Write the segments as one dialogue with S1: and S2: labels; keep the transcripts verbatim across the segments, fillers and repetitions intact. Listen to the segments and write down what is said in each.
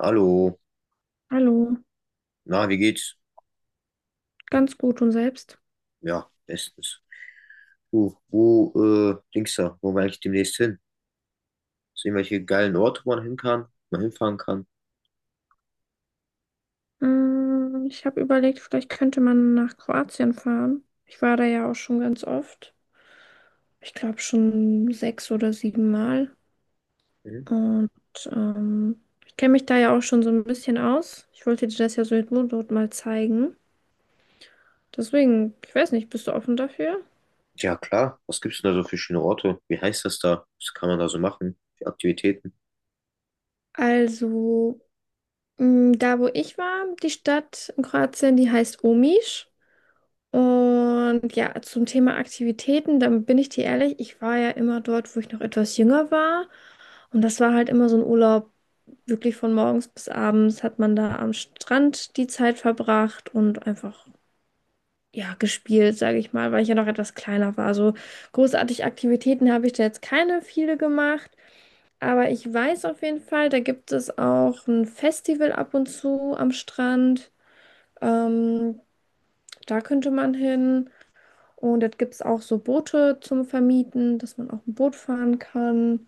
S1: Hallo,
S2: Hallo,
S1: na, wie geht's?
S2: ganz gut und selbst?
S1: Ja, bestens. Du, wo, äh, Dings da, wo will ich demnächst hin? Sehen welche geilen Orte, wo man hin kann, man hinfahren kann.
S2: Mm, Ich habe überlegt, vielleicht könnte man nach Kroatien fahren. Ich war da ja auch schon ganz oft. Ich glaube schon sechs oder sieben Mal.
S1: Mhm.
S2: Und ähm, ich kenne mich da ja auch schon so ein bisschen aus. Ich wollte dir das ja so in dort mal zeigen. Deswegen, ich weiß nicht, bist du offen dafür?
S1: Ja, klar. Was gibt's denn da so für schöne Orte? Wie heißt das da? Was kann man da so machen? Für Aktivitäten?
S2: Also, mm, da wo ich war, die Stadt in Kroatien, die heißt Omiš. Und ja, zum Thema Aktivitäten, dann bin ich dir ehrlich, ich war ja immer dort, wo ich noch etwas jünger war. Und das war halt immer so ein Urlaub, wirklich von morgens bis abends hat man da am Strand die Zeit verbracht und einfach, ja, gespielt, sage ich mal, weil ich ja noch etwas kleiner war. So großartig Aktivitäten habe ich da jetzt keine viele gemacht. Aber ich weiß auf jeden Fall, da gibt es auch ein Festival ab und zu am Strand. Ähm, Da könnte man hin. Und dort gibt es auch so Boote zum Vermieten, dass man auch ein Boot fahren kann.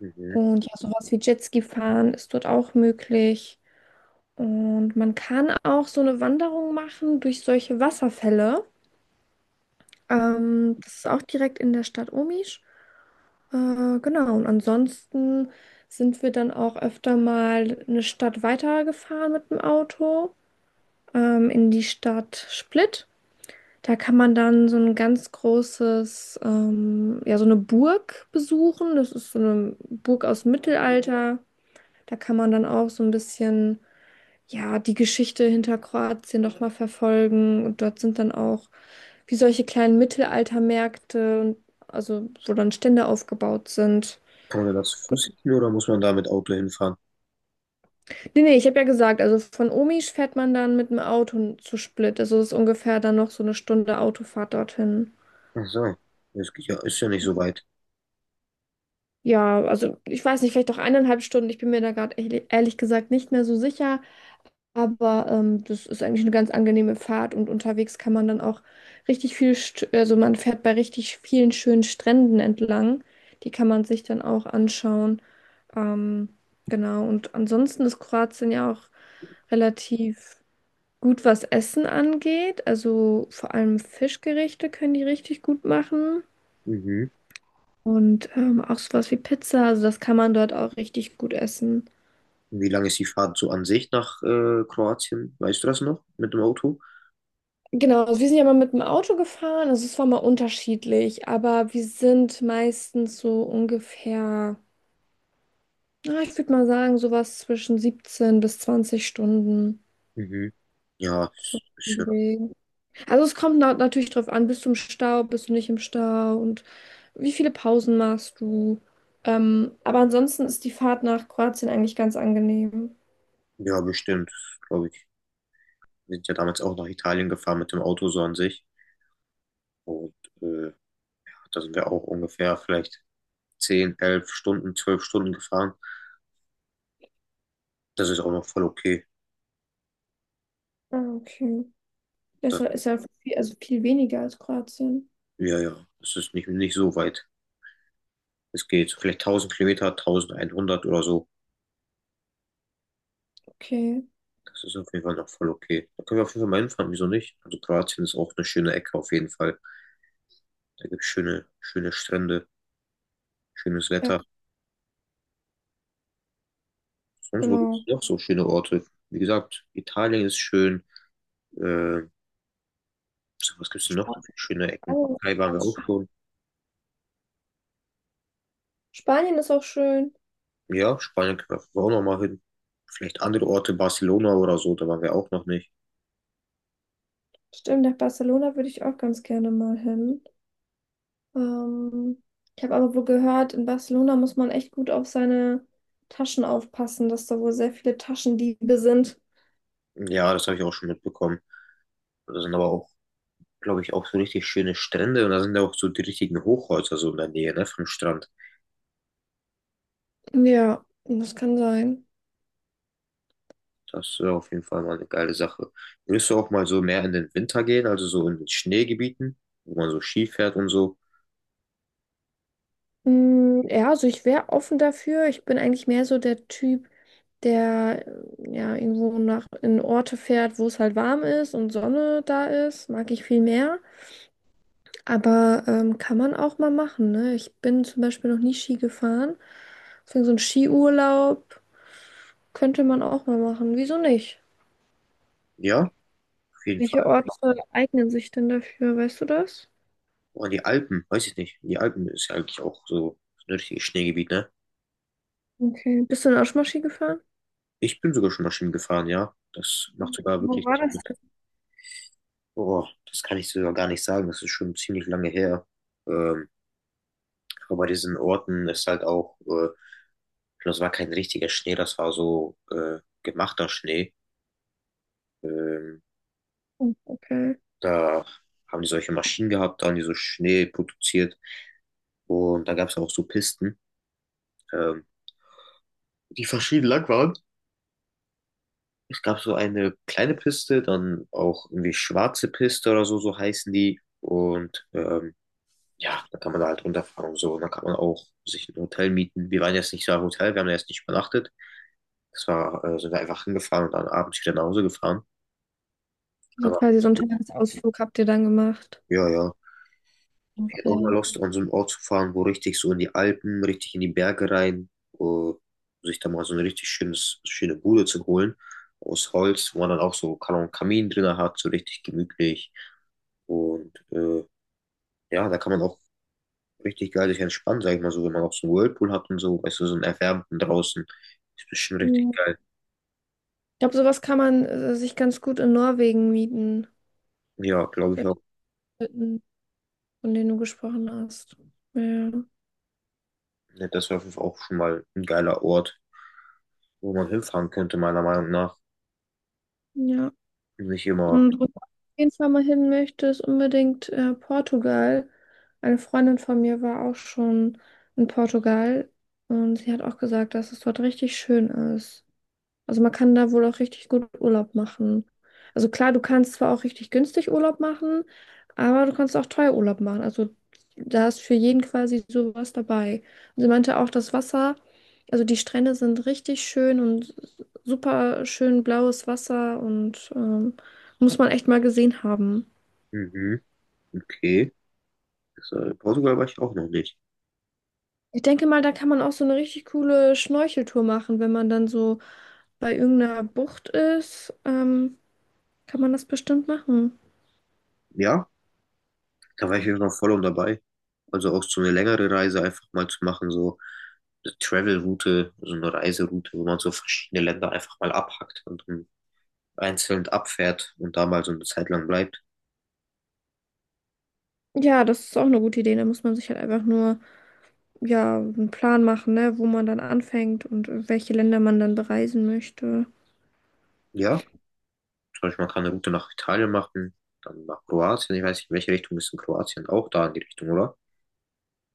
S1: Mhm.
S2: Und ja, sowas wie Jetski fahren ist dort auch möglich. Und man kann auch so eine Wanderung machen durch solche Wasserfälle. Ähm, das ist auch direkt in der Stadt Omisch. Äh, genau, und ansonsten sind wir dann auch öfter mal eine Stadt weitergefahren mit dem Auto, ähm, in die Stadt Split. Da kann man dann so ein ganz großes, ähm, ja, so eine Burg besuchen. Das ist so eine Burg aus dem Mittelalter. Da kann man dann auch so ein bisschen, ja, die Geschichte hinter Kroatien nochmal verfolgen. Und dort sind dann auch wie solche kleinen Mittelaltermärkte und also, wo dann Stände aufgebaut sind.
S1: Kann man da zu
S2: Gut.
S1: Fuß hin oder muss man da mit Auto hinfahren?
S2: Nee, nee, ich habe ja gesagt, also von Omisch fährt man dann mit dem Auto zu Split. Also es ist ungefähr dann noch so eine Stunde Autofahrt dorthin.
S1: Ach so, das geht ja, ist ja nicht so weit.
S2: Ja, also ich weiß nicht, vielleicht auch eineinhalb Stunden. Ich bin mir da gerade ehrlich, ehrlich gesagt nicht mehr so sicher. Aber ähm, das ist eigentlich eine ganz angenehme Fahrt und unterwegs kann man dann auch richtig viel, St also man fährt bei richtig vielen schönen Stränden entlang. Die kann man sich dann auch anschauen. Ähm, genau, und ansonsten ist Kroatien ja auch relativ gut, was Essen angeht. Also vor allem Fischgerichte können die richtig gut machen.
S1: Mhm.
S2: Und ähm, auch sowas wie Pizza, also das kann man dort auch richtig gut essen.
S1: Wie lange ist die Fahrt so an sich nach äh, Kroatien? Weißt du das noch mit dem Auto?
S2: Genau, also wir sind ja mal mit dem Auto gefahren, also es war mal unterschiedlich, aber wir sind meistens so ungefähr, na, ich würde mal sagen, sowas zwischen siebzehn bis zwanzig Stunden.
S1: Mhm. Ja,
S2: So
S1: ist,
S2: im
S1: ist ja,
S2: Dreh. Also es kommt na natürlich drauf an, bist du im Stau, bist du nicht im Stau und wie viele Pausen machst du. Ähm, aber ansonsten ist die Fahrt nach Kroatien eigentlich ganz angenehm.
S1: ja, bestimmt, glaube ich. Wir sind ja damals auch nach Italien gefahren mit dem Auto so an sich. Und äh, da sind wir auch ungefähr vielleicht zehn elf Stunden, zwölf Stunden gefahren. Das ist auch noch voll okay.
S2: Ah, okay. Das
S1: Das,
S2: ist ja viel, also viel weniger als Kroatien.
S1: ja, ja, das ist nicht, nicht so weit. Es geht so vielleicht tausend Kilometer, tausendeinhundert oder so.
S2: Okay,
S1: Das ist auf jeden Fall noch voll okay. Da können wir auf jeden Fall mal hinfahren, wieso nicht? Also Kroatien ist auch eine schöne Ecke auf jeden Fall. Da gibt es schöne, schöne Strände, schönes
S2: ja,
S1: Wetter. Sonst wo gibt es
S2: genau.
S1: noch so schöne Orte? Wie gesagt, Italien ist schön. Äh, so, was gibt es noch so für
S2: Spanien
S1: schöne Ecken?
S2: ist
S1: Türkei waren
S2: auch
S1: wir auch
S2: schön.
S1: schon.
S2: Spanien ist auch schön.
S1: Ja, Spanien können wir auf jeden Fall auch noch mal hin. Vielleicht andere Orte, Barcelona oder so, da waren wir auch noch nicht.
S2: Stimmt, nach Barcelona würde ich auch ganz gerne mal hin. Ähm, Ich habe aber wohl gehört, in Barcelona muss man echt gut auf seine Taschen aufpassen, dass da wohl sehr viele Taschendiebe sind.
S1: Ja, das habe ich auch schon mitbekommen. Da sind aber auch, glaube ich, auch so richtig schöne Strände und da sind ja auch so die richtigen Hochhäuser so in der Nähe, ne, vom Strand.
S2: Ja, das kann sein.
S1: Das wäre auf jeden Fall mal eine geile Sache. Würdest du auch mal so mehr in den Winter gehen, also so in den Schneegebieten, wo man so Ski fährt und so?
S2: Mm, Ja, also ich wäre offen dafür. Ich bin eigentlich mehr so der Typ, der äh, ja irgendwo nach in Orte fährt, wo es halt warm ist und Sonne da ist. Mag ich viel mehr. Aber ähm, kann man auch mal machen, ne? Ich bin zum Beispiel noch nie Ski gefahren. Deswegen so ein Skiurlaub könnte man auch mal machen. Wieso nicht?
S1: Ja, auf jeden
S2: Welche
S1: Fall.
S2: Orte eignen sich denn dafür? Weißt du das?
S1: Oder die Alpen, weiß ich nicht. Die Alpen ist ja eigentlich auch so ein richtiges Schneegebiet, ne?
S2: Okay. Bist du denn auch schon mal Ski gefahren?
S1: Ich bin sogar schon mal Ski gefahren, ja. Das macht sogar
S2: Wo
S1: wirklich,
S2: war das
S1: boah, das kann ich sogar gar nicht sagen. Das ist schon ziemlich lange her. Ähm, aber bei diesen Orten ist halt auch, äh, das war kein richtiger Schnee, das war so äh, gemachter Schnee. Ähm,
S2: denn? Okay.
S1: Da haben die solche Maschinen gehabt, da haben die so Schnee produziert. Und da gab es auch so Pisten, ähm, die verschieden lang waren. Es gab so eine kleine Piste, dann auch irgendwie schwarze Piste oder so, so heißen die. Und ähm, ja, da kann man da halt runterfahren und so. Und dann kann man auch sich ein Hotel mieten. Wir waren jetzt nicht so ein Hotel, wir haben da jetzt nicht übernachtet. Das war, äh, sind wir einfach hingefahren und dann abends wieder nach Hause gefahren.
S2: Also
S1: Aber
S2: quasi so einen Tagesausflug habt ihr dann gemacht.
S1: ja, ja, ich hätte auch mal
S2: Okay.
S1: Lust, an so einen Ort zu fahren, wo richtig so in die Alpen, richtig in die Berge rein, wo sich da mal so ein richtig schönes, schöne Bude zu holen aus Holz, wo man dann auch so kann einen Kamin drin hat, so richtig gemütlich. Und äh, ja, da kann man auch richtig geil sich entspannen, sag ich mal so, wenn man auch so einen Whirlpool hat und so, weißt du, so einen erwärmten draußen. Ist bestimmt richtig
S2: Hm.
S1: geil.
S2: Ich glaube, sowas kann man äh, sich ganz gut in Norwegen mieten.
S1: Ja, glaube ich auch.
S2: Solche Hütten, von denen du gesprochen hast. Ja.
S1: Ja, das wäre auf jeden Fall auch schon mal ein geiler Ort, wo man hinfahren könnte, meiner Meinung nach.
S2: Ja.
S1: Nicht immer,
S2: Und wo du auf jeden Fall mal hin möchtest, unbedingt äh, Portugal. Eine Freundin von mir war auch schon in Portugal und sie hat auch gesagt, dass es dort richtig schön ist. Also man kann da wohl auch richtig gut Urlaub machen. Also klar, du kannst zwar auch richtig günstig Urlaub machen, aber du kannst auch teuer Urlaub machen. Also da ist für jeden quasi sowas dabei. Und sie meinte auch, das Wasser, also die Strände sind richtig schön und super schön blaues Wasser und ähm, muss man echt mal gesehen haben.
S1: mhm, okay. Das, äh, Portugal war ich auch noch nicht.
S2: Ich denke mal, da kann man auch so eine richtig coole Schnorcheltour machen, wenn man dann so bei irgendeiner Bucht ist, ähm, kann man das bestimmt machen.
S1: Ja, da war ich jetzt noch voll und dabei. Also auch so eine längere Reise einfach mal zu machen, so eine Travel-Route, so eine Reiseroute, wo man so verschiedene Länder einfach mal abhackt und dann einzeln abfährt und da mal so eine Zeit lang bleibt.
S2: Ja, das ist auch eine gute Idee. Da muss man sich halt einfach nur, ja, einen Plan machen, ne, wo man dann anfängt und äh, welche Länder man dann bereisen möchte.
S1: Ja, zum Beispiel man kann eine Route nach Italien machen, dann nach Kroatien. Ich weiß nicht, in welche Richtung ist in Kroatien auch da in die Richtung, oder?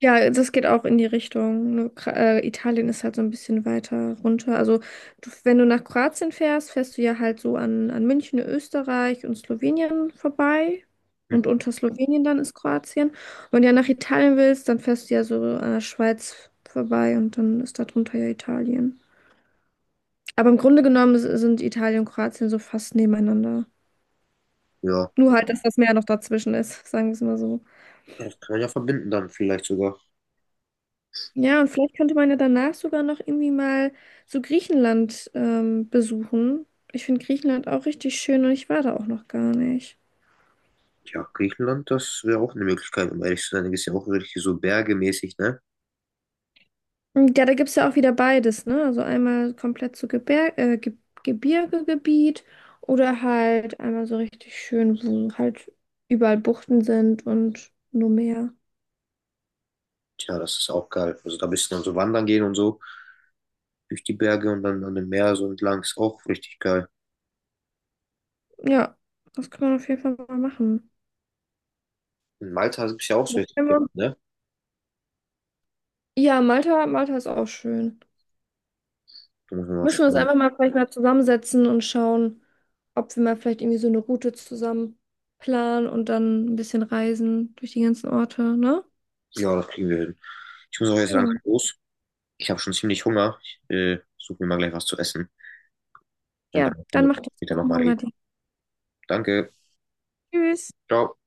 S2: Ja, das geht auch in die Richtung. Nur, Kra- äh, Italien ist halt so ein bisschen weiter runter. Also, du, wenn du nach Kroatien fährst, fährst du ja halt so an, an München, Österreich und Slowenien vorbei. Und
S1: Mhm.
S2: unter Slowenien dann ist Kroatien. Und wenn du ja nach Italien willst, dann fährst du ja so an der Schweiz vorbei und dann ist da drunter ja Italien. Aber im Grunde genommen s- sind Italien und Kroatien so fast nebeneinander.
S1: Ja,
S2: Nur halt, dass das Meer noch dazwischen ist, sagen wir es mal so.
S1: das kann man ja verbinden dann vielleicht sogar.
S2: Ja, und vielleicht könnte man ja danach sogar noch irgendwie mal so Griechenland ähm, besuchen. Ich finde Griechenland auch richtig schön und ich war da auch noch gar nicht.
S1: Ja, Griechenland, das wäre auch eine Möglichkeit, um ehrlich zu sein. Da ist ja auch wirklich so bergemäßig, ne?
S2: Und ja, da gibt es ja auch wieder beides, ne? Also einmal komplett so Gebir äh, Ge Gebirgegebiet oder halt einmal so richtig schön, wo halt überall Buchten sind und nur Meer.
S1: Tja, das ist auch geil. Also da bist du dann so wandern gehen und so, durch die Berge und dann an dem Meer so entlang. Ist auch richtig geil.
S2: Ja, das kann man auf jeden Fall mal machen.
S1: In Malta gibt es ja auch so richtig Berge,
S2: Ja.
S1: ne?
S2: Ja, Malta, Malta ist auch schön.
S1: Da müssen wir mal
S2: Müssen wir uns
S1: schauen.
S2: einfach mal vielleicht mal zusammensetzen und schauen, ob wir mal vielleicht irgendwie so eine Route zusammen planen und dann ein bisschen reisen durch die ganzen Orte, ne?
S1: Ja, das kriegen wir hin. Ich muss auch jetzt langsam
S2: Ja,
S1: los. Ich habe schon ziemlich Hunger. Ich äh, suche mir mal gleich was zu essen. Und
S2: ja,
S1: dann können
S2: dann
S1: wir
S2: macht es
S1: später
S2: guten
S1: nochmal
S2: Hunger
S1: reden.
S2: dir.
S1: Danke.
S2: Tschüss.
S1: Ciao.